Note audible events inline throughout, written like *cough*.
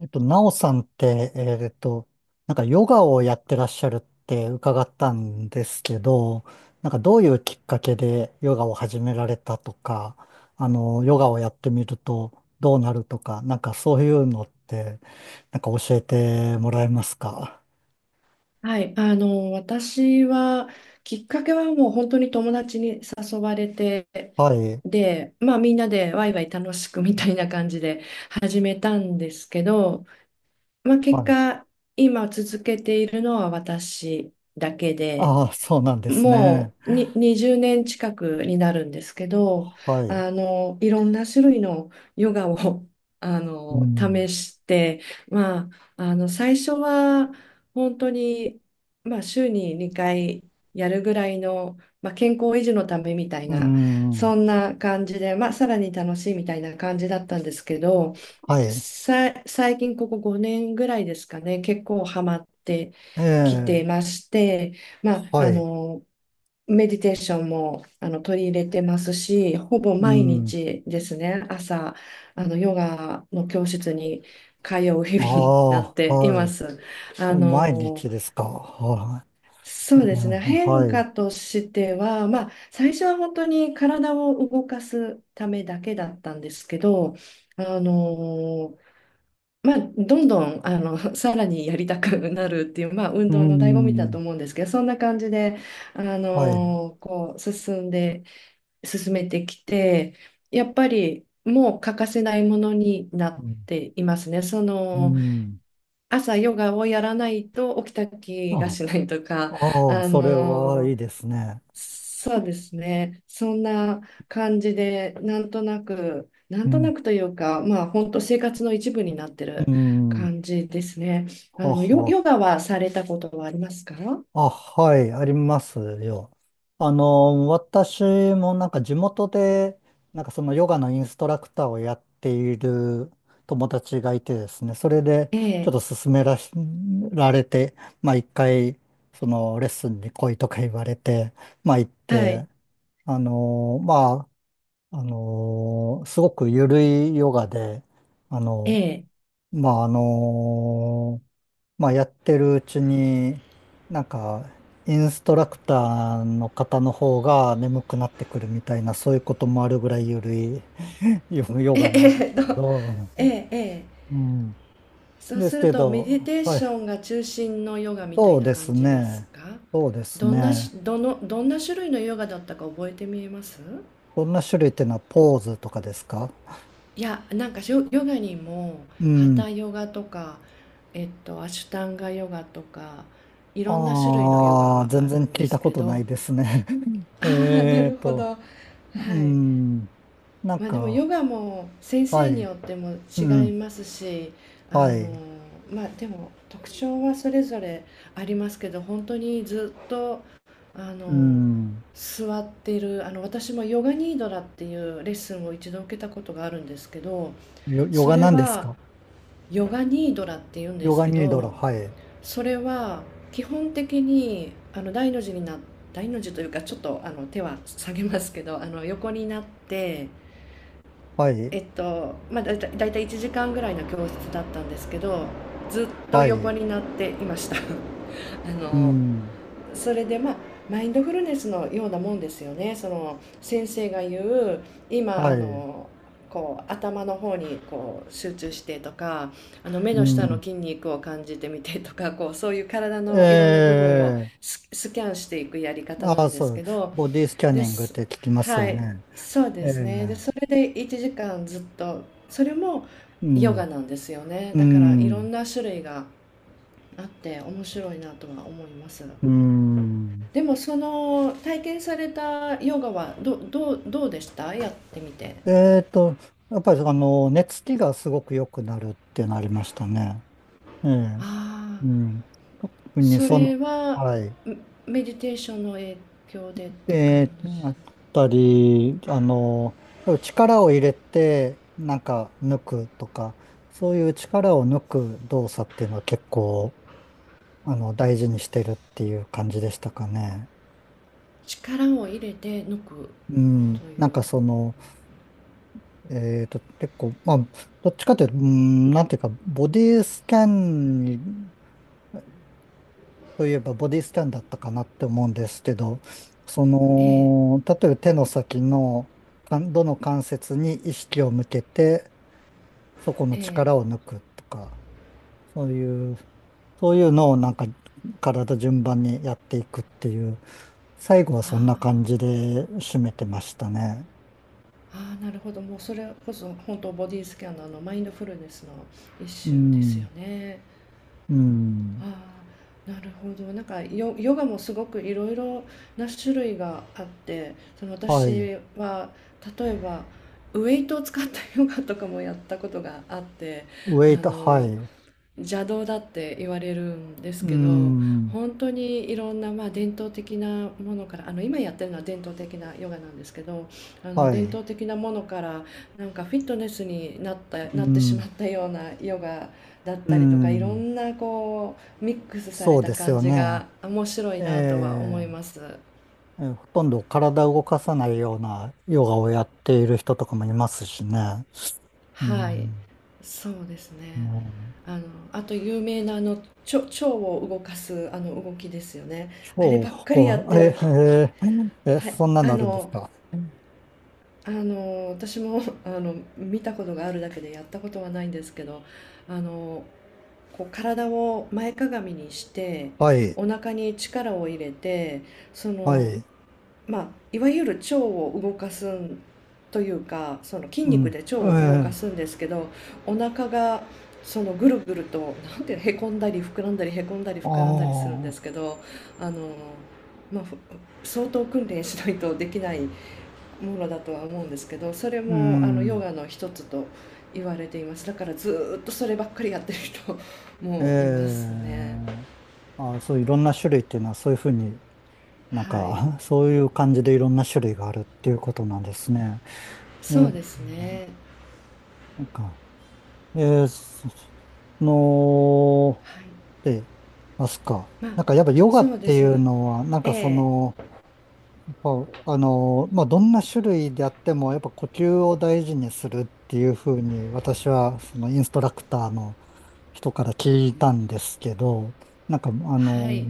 なおさんって、なんかヨガをやってらっしゃるって伺ったんですけど、なんかどういうきっかけでヨガを始められたとか、あの、ヨガをやってみるとどうなるとか、なんかそういうのって、なんか教えてもらえますか？はい、私は、きっかけはもう本当に友達に誘われて、はい。で、まあみんなでワイワイ楽しくみたいな感じで始めたんですけど、まあは結い。果、今続けているのは私だけで、ああ、そうなんですね。もう20年近くになるんですけど、はい。いろんな種類のヨガを *laughs*、うん。試して、まあ、最初は本当に、まあ、週に2回やるぐらいの、まあ、健康維持のためみたいうな、ん。そんな感じで、まあ、さらに楽しいみたいな感じだったんですけど、はい。最近ここ5年ぐらいですかね、結構ハマってえきてまえ。して、まあ、はい。メディテーションも取り入れてますし、ほぼう毎ん。日ですね、朝、あのヨガの教室に通う日々あになっあ、ていはまい。す。あ毎の、日ですか？はそい。うですね、うん、変は化い。としては、まあ、最初は本当に体を動かすためだけだったんですけど、あのまあ、どんどん*laughs* さらにやりたくなるっていう、まあ、運う動の醍醐味だとん。思うんですけど、そんな感じで、はい。こう進んで進めてきて、やっぱりもう欠かせないものになうっん。ていますね。そうのん、朝ヨガをやらないと起きた気があ、しないとか、ああ、あそれはいのいですね。そうですね。そんな感じで、なんうとなん。くというか、まあ、本当生活の一部になってうるん。感じですね。はヨ、ヨは。ガはされたことはありますか？あ、はい、ありますよ。あの、私もなんか地元で、なんかそのヨガのインストラクターをやっている友達がいてですね、それでえちょっえ、と勧めらし、られて、まあ一回、そのレッスンに来いとか言われて、まあ行っはて、い、まあ、すごく緩いヨガで、あえのえ、まあ、あのやってるうちに、なんか、インストラクターの方が眠くなってくるみたいな、そういうこともあるぐらいゆるい *laughs* ヨヨえガえ、なんですえと、けど、ええ、ええ。うん。そうですするけと、メディど、テーはい。ションが中心のヨガみたそいうなです感じですね。か？そうですどんなし、ね。どの、どんな種類のヨガだったか覚えてみえます？どんな種類っていうのはポーズとかですか？いや、なんかヨガにも、うハタん。ヨガとか、アシュタンガヨガとか、いろんな種類のヨガああ、があ全る然ん聞でいたすこけとど、ないですね。*laughs* ああ、なえーるほど。と、はい。うん。なんまあでもヨか、ガも先は生によい。ってもう違いん。ますし、はあの、い。まあでも特徴はそれぞれありますけど、本当にずっと、あうの、ん。座っている私もヨガニードラっていうレッスンを一度受けたことがあるんですけど、よ、ヨそガれなんですはか？ヨガニードラって言うんでヨすガけニードル、ど、はい。それは基本的に大の字というか、ちょっとあの手は下げますけど、あの横になって、はい。まあだいたい1時間ぐらいの教室だったんですけど、ずっとは横い。になっていました *laughs* あうのん。それでまあマインドフルネスのようなもんですよね、その先生が言うは今い。こう頭の方にこう集中してとか、目うの下のん。筋肉を感じてみてとか、こうそういう体のいろんなえ部分をえ、スキャンしていくやり方なああ、んでそすう。けど、ボディスキャでニングっす、て聞きますはよい、ね。そうえですえ、ね。でそれで1時間ずっと、それもうヨガん。なんですよね、うだからいろん。んな種類があって面白いなとは思います。うん。でもその体験されたヨガはどうでしたやってみて？えっと、やっぱり、あの、寝つきがすごく良くなるってなりましたね。ええ、ああ、うん。特にそその、れははい。メメディテーションの影響でって感で、じ。あったり、あの、力を入れて、なんか抜くとか、そういう力を抜く動作っていうのは結構、あの、大事にしてるっていう感じでしたかね。力を入れて抜くという。うん。なんかその、結構、まあ、どっちかというと、うん、なんていうか、ボディスキャンにといえばボディスキャンだったかなって思うんですけど、そええ、の、例えば手の先の、かんどの関節に意識を向けて、そこのええ。力を抜くとか、そういう、そういうのをなんか体順番にやっていくっていう、最後はそんなあ感じで締めてましたね。あ、ああ、なるほど。もうそれこそ本当ボディスキャナーのマインドフルネスの一う種ですよん、ね。うん、ああ、なるほど。なんかヨガもすごくいろいろな種類があって、そのはい。私は例えばウェイトを使ったヨガとかもやったことがあって、ウあェイト、はのい。邪道だって言われるんですうけど、ん、本当にいろんな、まあ、伝統的なものから、あの今やってるのは伝統的なヨガなんですけど、あのは伝い。統的なものからなんかフィットネスになったうなってしまっん、たようなヨガだっうたりとか、いろん、んなこうミックスさそれうたです感よじね。が面白いえなとは思え、います。ほとんど体を動かさないようなヨガをやっている人とかもいますしね。うはい、ん、そうですね。ね、あの、あと有名な腸を動かすあの動きですよね。あれ超ばっかりやこっう、てえ、るひ、えー、え、はい、そんなのあるんですか？私も *laughs*、見たことがあるだけでやったことはないんですけど、あの、こう体を前かがみにして、はい、お腹に力を入れて、そはの、い、まあ、いわゆる腸を動かすんというか、その筋うん、肉で腸えを動かー、すんですけど、お腹がそのぐるぐると、なんていうの、へこんだり膨らんだりへこんだりあ膨らんだりするんですけあ、ど、あの、まあ、相当訓練しないとできないものだとは思うんですけど、それうもあのヨん、ガの一つと言われています。だからずーっとそればっかりやってる人えもいますね。ー、あー、そういろんな種類っていうのはそういうふうになんはい、か、*laughs* そういう感じでいろんな種類があるっていうことなんですね。えそー、うですね。なんか、えー、その、はい、で、ますか。まあ、なんかやっぱヨガそっうでてすいうね。のは、なんかそえー、の、ぱあの、まあ、どんな種類であっても、やっぱ呼吸を大事にするっていうふうに、私はそのインストラクターの人から聞いたんですけど、なんか、あはの、い、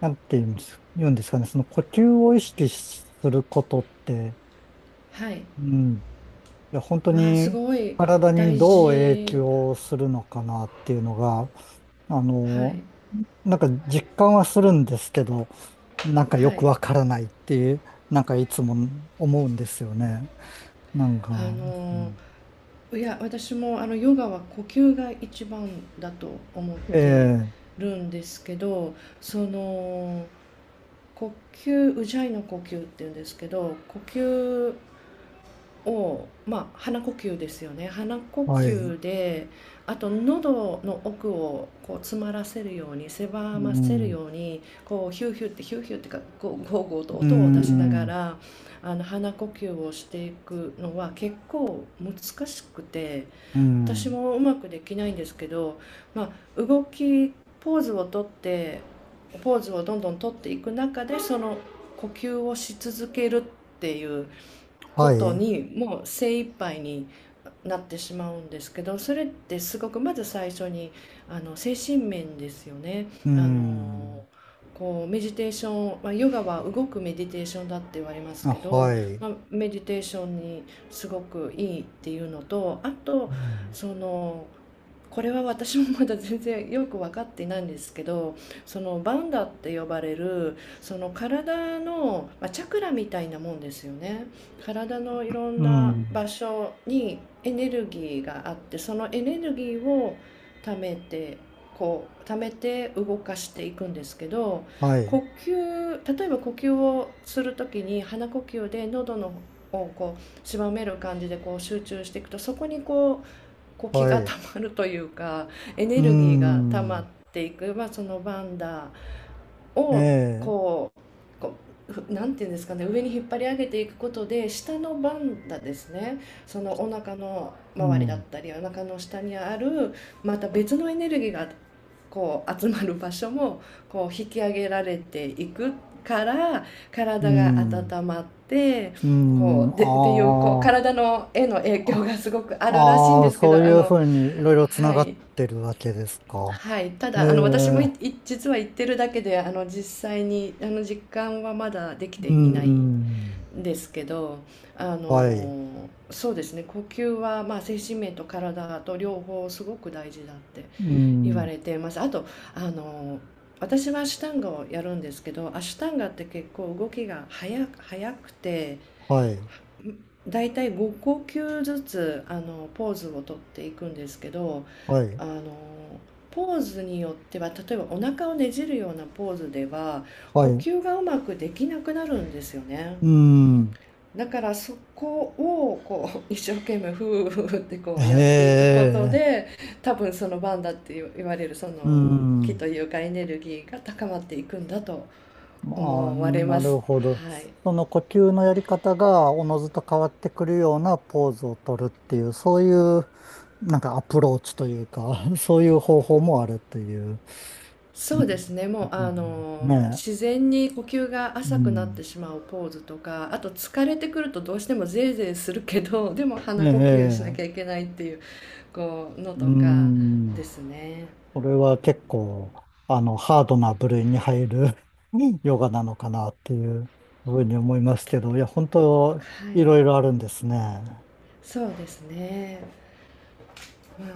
なんて言うんです、言うんですかね、その呼吸を意識することって、はい、うん、いや、本当すにごい体に大どう影事、響するのかなっていうのが、あはの、い、なんか実感はするんですけど、なんかよはくい、わからないっていう、なんかいつも思うんですよね。なんか、あうのーん、いや、私もあのヨガは呼吸が一番だと思っえてえ、るんですけど、その呼吸、ウジャイの呼吸っていうんですけど、呼吸を、まあ、鼻呼吸ですよね、鼻呼はい。吸で、あと喉の奥をこう詰まらせるように、う狭ませるん、ように、こうヒューヒューってヒューヒューってか、こうゴーゴーとう音を出しながん、ら、鼻呼吸をしていくのは結構難しくて、う私ん、もうまくできないんですけど、まあ、ポーズをとって、ポーズをどんどんとっていく中でその呼吸をし続けるっていうこはとい、にもう精一杯になってしまうんですけど、それってすごく、まず最初に精神面ですよね。うあのん、こうメディテーション、まあ、ヨガは動くメディテーションだって言われますあ、けど、はい、まあ、メディテーションにすごくいいっていうのと、あうとん、その、これは私もまだ全然よく分かっていないんですけど、そのバンダって呼ばれるその体の、まあ、チャクラみたいなもんですよね、体のいろんうなん、場所にエネルギーがあって、そのエネルギーを貯めてこう貯めて動かしていくんですけど、はい、呼吸、例えば呼吸をする時に鼻呼吸で喉のこう狭める感じでこう集中していくと、そこにこう気がはたい、まるというか、エうネルギーがたまっん、ていく、まあ、そのバンダーえをえ、こうなんていうんですかね、上に引っ張り上げていくことで下のバンダーですね、そのお腹のう周りだっん、たりお腹の下にあるまた別のエネルギーがこう集まる場所もこう引き上げられていくからう体がん、温まって、うこん、うでっていうこうあ体のへの影響があ、すごくあるらしいんあであ、すけそうど、いうふうにいろいろつなはがっい。てるわけですか？はい。たええ、だ、私も実は行ってるだけで、実際に、実感はまだできうていないん。んですけど、はい。そうですね、呼吸は、まあ、精神面と体と両方すごく大事だってう言わん。れています。あと、あの、私はアシュタンガをやるんですけど、アシュタンガって結構動きが速くて、はい。だいたい5呼吸ずつあのポーズをとっていくんですけど、はい。あのポーズによっては例えばお腹をねじるようなポーズではは呼い。吸がうまくできなくなるんですよね。うん。だからそこをこう *laughs* 一生懸命ふーふーってこうやっていへくことえ。で、多分そのバンダって言われるそのう気ん。というか、エネルギーが高まっていくんだとああ、思われまなす。るほど。はい、その呼吸のやり方がおのずと変わってくるようなポーズを取るっていう、そういう、なんかアプローチというか、*laughs* そういう方法もあるという。うそうでん、すね、もうあのね自然に呼吸がえ。う浅くなっん。てしまうポーズとか、あと疲れてくるとどうしてもゼーゼーするけど、*laughs* でもえ鼻呼吸しなきゃいえ。けないっていう、こうのとうかん。ですね。これは結構、あの、ハードな部類に入る *laughs* ヨガなのかなっていうふうに思いますけど、いや、本当、はいい、ろいろあるんですね。そうですね。